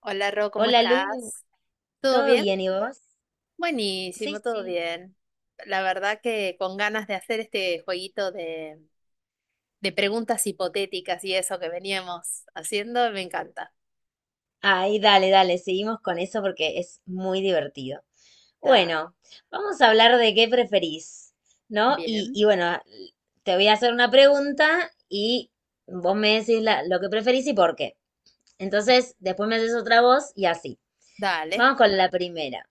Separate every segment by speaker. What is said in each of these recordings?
Speaker 1: Hola Ro, ¿cómo
Speaker 2: Hola Lu,
Speaker 1: estás? ¿Todo
Speaker 2: ¿todo
Speaker 1: bien?
Speaker 2: bien y vos? Sí,
Speaker 1: Buenísimo, todo
Speaker 2: sí.
Speaker 1: bien. La verdad que con ganas de hacer este jueguito de preguntas hipotéticas y eso que veníamos haciendo, me encanta.
Speaker 2: Ay, dale, dale, seguimos con eso porque es muy divertido.
Speaker 1: Está
Speaker 2: Bueno, vamos a hablar de qué preferís, ¿no? Y,
Speaker 1: bien.
Speaker 2: y bueno, te voy a hacer una pregunta y vos me decís lo que preferís y por qué. Entonces, después me haces otra voz y así.
Speaker 1: Dale.
Speaker 2: Vamos con la primera.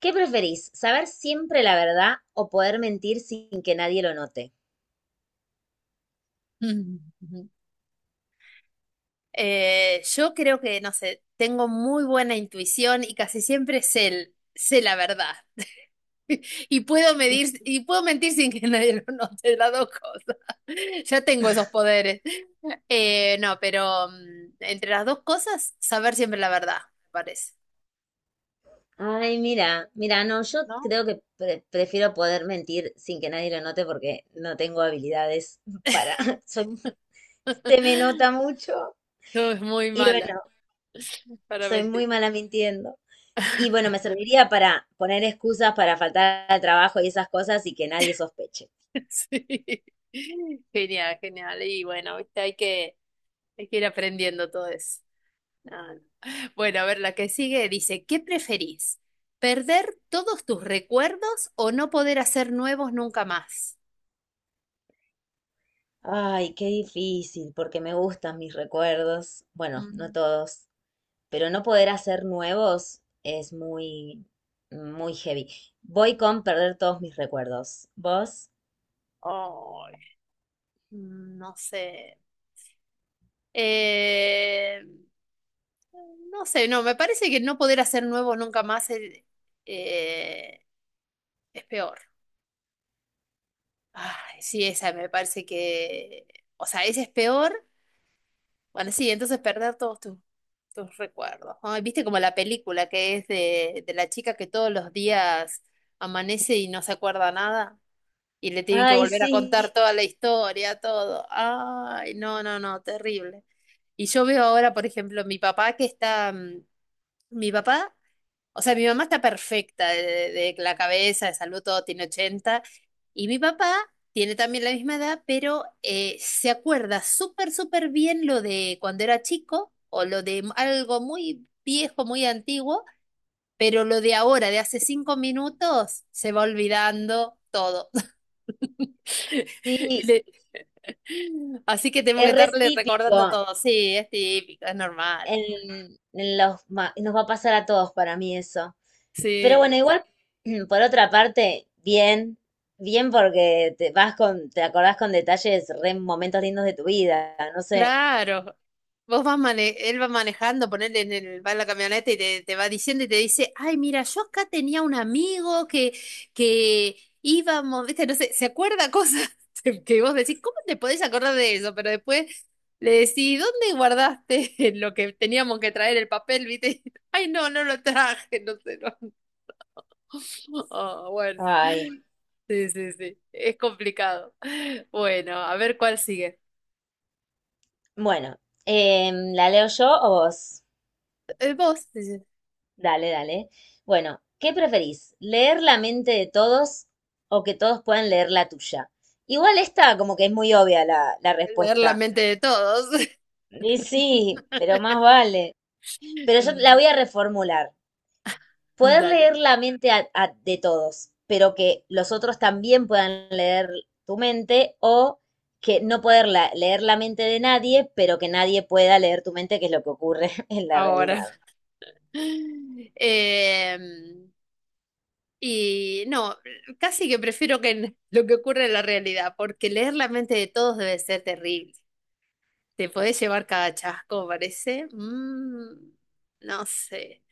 Speaker 2: ¿Qué preferís? ¿Saber siempre la verdad o poder mentir sin que nadie lo note?
Speaker 1: Yo creo que, no sé, tengo muy buena intuición y casi siempre sé, sé la verdad. Y puedo medir, y puedo mentir sin que nadie lo note, las dos cosas. Ya tengo esos poderes. No, pero entre las dos cosas, saber siempre la verdad, me parece,
Speaker 2: Ay, mira, mira, no, yo
Speaker 1: ¿no?
Speaker 2: creo que prefiero poder mentir sin que nadie lo note porque no tengo habilidades para, soy- se me nota mucho
Speaker 1: No, es muy
Speaker 2: y
Speaker 1: mala
Speaker 2: bueno,
Speaker 1: para
Speaker 2: soy
Speaker 1: mentir.
Speaker 2: muy mala mintiendo. Y bueno, me serviría para poner excusas para faltar al trabajo y esas cosas y que nadie sospeche.
Speaker 1: Sí. Genial, genial. Y bueno, viste, hay que ir aprendiendo todo eso. No, no. Bueno, a ver, la que sigue dice, ¿qué preferís? ¿Perder todos tus recuerdos o no poder hacer nuevos nunca más?
Speaker 2: Ay, qué difícil, porque me gustan mis recuerdos. Bueno, no
Speaker 1: Mm,
Speaker 2: todos, pero no poder hacer nuevos es muy, muy heavy. Voy con perder todos mis recuerdos. ¿Vos?
Speaker 1: ay, mm, no sé. Eh, no sé, no, me parece que no poder hacer nuevos nunca más eh, es peor. Ay, sí, esa me parece que, o sea, esa es peor. Bueno, sí, entonces perder tus recuerdos. Ay, viste como la película que es de la chica que todos los días amanece y no se acuerda nada y le tienen que
Speaker 2: Ay,
Speaker 1: volver a
Speaker 2: sí,
Speaker 1: contar toda la historia, todo. Ay, no, no, no, terrible. Y yo veo ahora, por ejemplo, mi papá que está, mm, mi papá o sea, mi mamá está perfecta de la cabeza, de salud, todo. Tiene 80 y mi papá tiene también la misma edad, pero se acuerda súper, súper bien lo de cuando era chico o lo de algo muy viejo, muy antiguo, pero lo de ahora, de hace 5 minutos, se va olvidando todo. Y
Speaker 2: sí,
Speaker 1: le- Así que tengo que
Speaker 2: es re
Speaker 1: estarle recordando
Speaker 2: típico
Speaker 1: todo. Sí, es típico, es normal.
Speaker 2: nos va a pasar a todos para mí eso. Pero bueno,
Speaker 1: Sí.
Speaker 2: igual, por otra parte, bien, bien porque te vas con, te acordás con detalles, re momentos lindos de tu vida, no sé.
Speaker 1: Claro, él va manejando, ponele en el, va en la camioneta y te va diciendo y te dice, ay, mira, yo acá tenía un amigo que íbamos, viste, no sé, se acuerda cosas que vos decís, ¿cómo te podés acordar de eso? Pero después le decís, ¿dónde guardaste lo que teníamos que traer el papel, viste? Ay, no, no lo traje, no sé, no. Oh, bueno,
Speaker 2: Ay,
Speaker 1: sí, sí, sí, es complicado. Bueno, a ver cuál sigue.
Speaker 2: bueno, ¿la leo yo o vos?
Speaker 1: Vos, dice,
Speaker 2: Dale, dale. Bueno, ¿qué preferís? ¿Leer la mente de todos o que todos puedan leer la tuya? Igual esta como que es muy obvia la
Speaker 1: leer la
Speaker 2: respuesta.
Speaker 1: mente de todos.
Speaker 2: Y sí, pero más vale. Pero yo la
Speaker 1: Mm,
Speaker 2: voy a reformular. Poder
Speaker 1: dale,
Speaker 2: leer la mente de todos, pero que los otros también puedan leer tu mente o que no poder leer la mente de nadie, pero que nadie pueda leer tu mente, que es lo que ocurre en la
Speaker 1: ahora.
Speaker 2: realidad.
Speaker 1: Em, y no, casi que prefiero lo que ocurre en la realidad, porque leer la mente de todos debe ser terrible. Te podés llevar cada chasco, parece. Mm, no sé.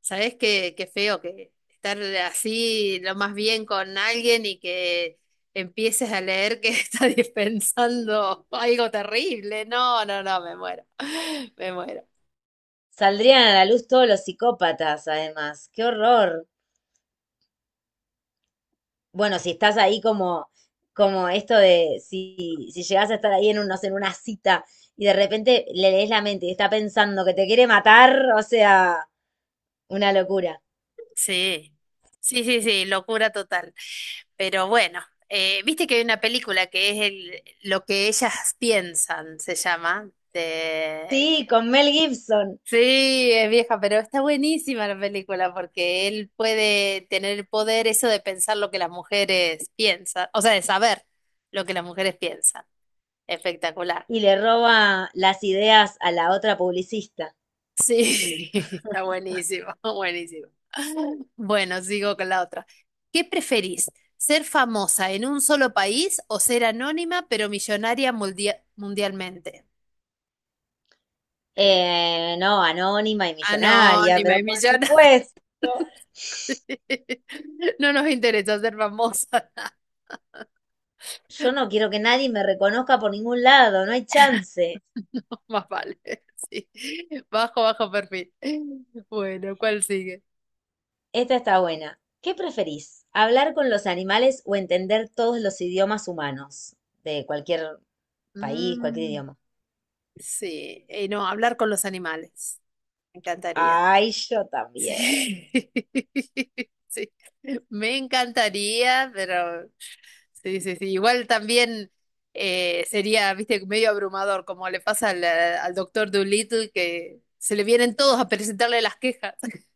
Speaker 1: ¿Sabés qué, qué feo que estar así lo más bien con alguien y que empieces a leer que está dispensando algo terrible? No, no, no, me muero. Me muero.
Speaker 2: Saldrían a la luz todos los psicópatas, además. ¡Qué horror! Bueno, si estás ahí como esto de si llegas a estar ahí en un, no sé, en una cita y de repente le lees la mente y está pensando que te quiere matar, o sea, una locura.
Speaker 1: Sí, sí, sí, sí, locura total. Pero bueno, viste que hay una película que es el, Lo que ellas piensan, se llama. De,
Speaker 2: Sí, con Mel Gibson
Speaker 1: sí, es vieja, pero está buenísima la película porque él puede tener el poder eso de pensar lo que las mujeres piensan, o sea, de saber lo que las mujeres piensan. Espectacular.
Speaker 2: y le roba las ideas a la otra publicista.
Speaker 1: Sí, está buenísimo, buenísimo. Bueno, sigo con la otra. ¿Qué preferís? ¿Ser famosa en un solo país o ser anónima pero millonaria mundialmente? Eh,
Speaker 2: No, anónima y millonaria,
Speaker 1: Anónima
Speaker 2: pero
Speaker 1: y
Speaker 2: por
Speaker 1: millonaria.
Speaker 2: supuesto.
Speaker 1: No nos interesa ser famosa,
Speaker 2: Yo no quiero que nadie me reconozca por ningún lado, no hay chance.
Speaker 1: más vale. Sí. Bajo, bajo perfil. Bueno, ¿cuál sigue?
Speaker 2: Esta está buena. ¿Qué preferís? ¿Hablar con los animales o entender todos los idiomas humanos de cualquier país, cualquier
Speaker 1: Mm,
Speaker 2: idioma?
Speaker 1: sí, no, hablar con los animales. Me encantaría.
Speaker 2: Ay, yo también.
Speaker 1: Sí, sí. Me encantaría, pero sí, sí, sí. Igual también sería, viste, medio abrumador, como le pasa al doctor Dolittle, que se le vienen todos a presentarle las quejas.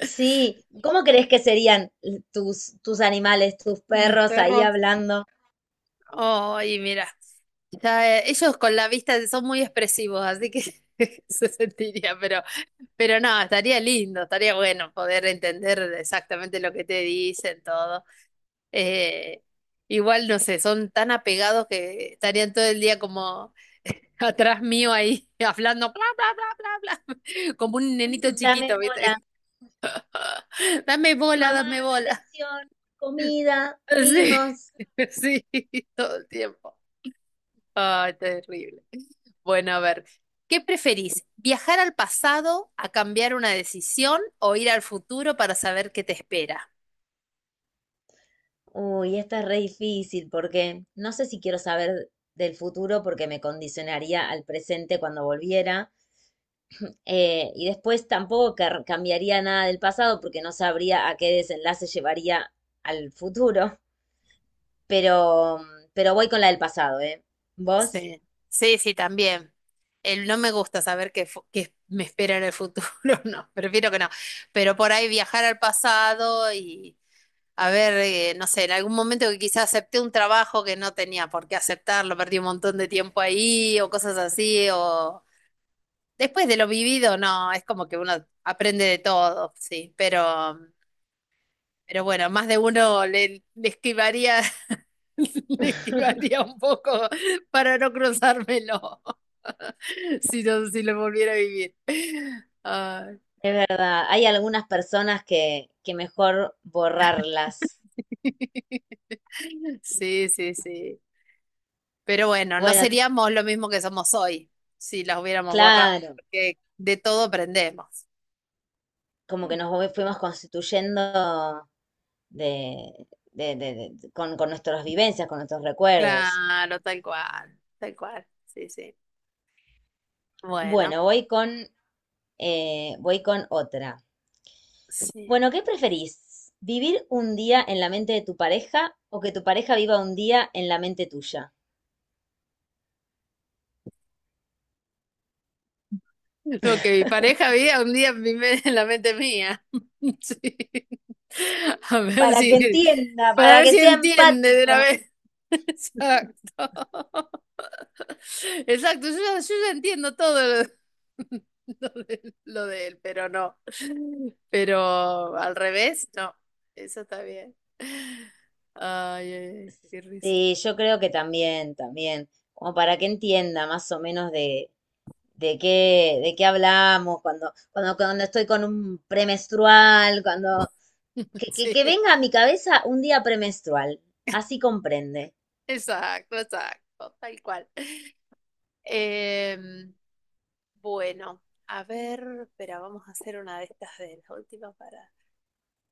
Speaker 2: Sí, ¿cómo crees que serían tus animales, tus
Speaker 1: Mis
Speaker 2: perros ahí
Speaker 1: perros.
Speaker 2: hablando?
Speaker 1: Ay, mira, ya, ellos con la vista son muy expresivos, así que se sentiría, pero no, estaría lindo, estaría bueno poder entender exactamente lo que te dicen, todo. Eh, Igual, no sé, son tan apegados que estarían todo el día como atrás mío ahí, hablando, bla, bla, bla, bla, bla, como un nenito
Speaker 2: Dame
Speaker 1: chiquito,
Speaker 2: bola,
Speaker 1: ¿viste? Dame bola,
Speaker 2: mamá,
Speaker 1: dame bola.
Speaker 2: atención, comida,
Speaker 1: Sí,
Speaker 2: mimos.
Speaker 1: sí, todo el tiempo. Ay, terrible. Bueno, a ver, ¿qué preferís? ¿Viajar al pasado a cambiar una decisión o ir al futuro para saber qué te espera?
Speaker 2: Uy, esta es re difícil porque no sé si quiero saber del futuro porque me condicionaría al presente cuando volviera. Y después tampoco cambiaría nada del pasado porque no sabría a qué desenlace llevaría al futuro. Pero, pero voy con la del pasado, ¿eh? ¿Vos?
Speaker 1: Sí, sí, sí, también. El, no me gusta saber qué me espera en el futuro, no, prefiero que no. Pero por ahí viajar al pasado y a ver, no sé, en algún momento que quizás acepté un trabajo que no tenía por qué aceptarlo, perdí un montón de tiempo ahí o cosas así, o después de lo vivido, no, es como que uno aprende de todo, sí, pero bueno, más de uno le esquivaría. Le esquivaría un poco para no cruzármelo, si no, si lo volviera a vivir. Ay.
Speaker 2: Es verdad, hay algunas personas que mejor borrarlas.
Speaker 1: Sí, sí, sí. Pero bueno, no
Speaker 2: Bueno,
Speaker 1: seríamos lo mismo que somos hoy si las hubiéramos borrado,
Speaker 2: claro,
Speaker 1: porque de todo aprendemos.
Speaker 2: como que nos fuimos constituyendo de, con nuestras vivencias, con nuestros recuerdos.
Speaker 1: Claro, tal cual, tal cual. Sí, sí. Bueno,
Speaker 2: Bueno, voy con otra.
Speaker 1: sí.
Speaker 2: Bueno, ¿qué preferís? ¿Vivir un día en la mente de tu pareja o que tu pareja viva un día en la mente tuya?
Speaker 1: Lo que mi pareja veía un día en la mente mía. Sí. A ver
Speaker 2: Para que
Speaker 1: si,
Speaker 2: entienda,
Speaker 1: para
Speaker 2: para
Speaker 1: ver
Speaker 2: que
Speaker 1: si
Speaker 2: sea
Speaker 1: entiende de
Speaker 2: empático.
Speaker 1: una vez. Exacto. Exacto, yo ya entiendo todo lo, lo de él, pero no. Pero al revés, no. Eso está bien. Ay, ay, ay, qué risa.
Speaker 2: Sí, yo creo que también, también, como para que entienda más o menos de qué hablamos, cuando estoy con un premenstrual, cuando, que, que-
Speaker 1: Sí,
Speaker 2: que venga a mi cabeza un día premenstrual. Así comprende.
Speaker 1: exacto, exacto, tal cual. Em, Bueno, a ver, espera, vamos a hacer una de estas de las últimas para.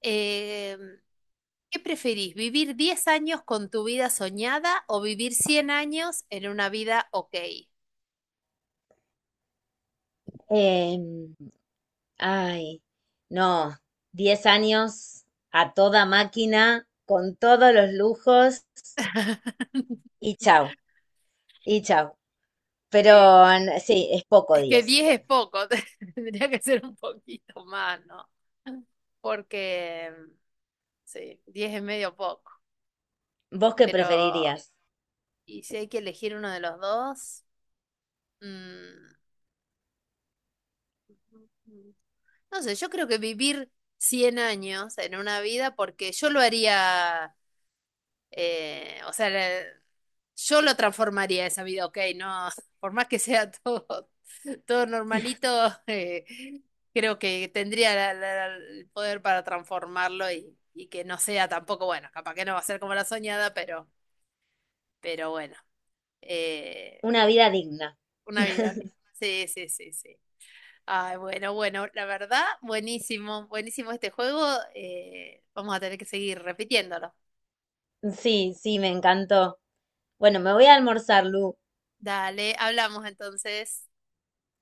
Speaker 1: Eh, ¿Qué preferís, vivir 10 años con tu vida soñada o vivir 100 años en una vida ok?
Speaker 2: Em, Ay, no, 10 años a toda máquina, con todos los lujos y chau, y chau. Pero
Speaker 1: Eh,
Speaker 2: sí, es poco
Speaker 1: es que
Speaker 2: 10
Speaker 1: 10
Speaker 2: igual.
Speaker 1: es poco, tendría que ser un poquito más, ¿no? Porque, sí, 10 es medio poco,
Speaker 2: ¿Vos qué
Speaker 1: pero,
Speaker 2: preferirías?
Speaker 1: ¿y si hay que elegir uno de los dos? Mm, no sé, yo creo que vivir 100 años en una vida, porque yo lo haría, o sea, yo lo transformaría esa vida, ok, no, por más que sea todo, todo normalito, eh, creo que tendría el poder para transformarlo y que no sea tampoco, bueno, capaz que no va a ser como la soñada, pero bueno, eh,
Speaker 2: Una vida digna.
Speaker 1: una vida. Bien. Sí, sí, sí, sí. Ay, bueno, bueno, la verdad, buenísimo, buenísimo este juego. Eh, vamos a tener que seguir repitiéndolo.
Speaker 2: Sí, sí, me encantó. Bueno, me voy a almorzar, Lu.
Speaker 1: Dale, hablamos entonces.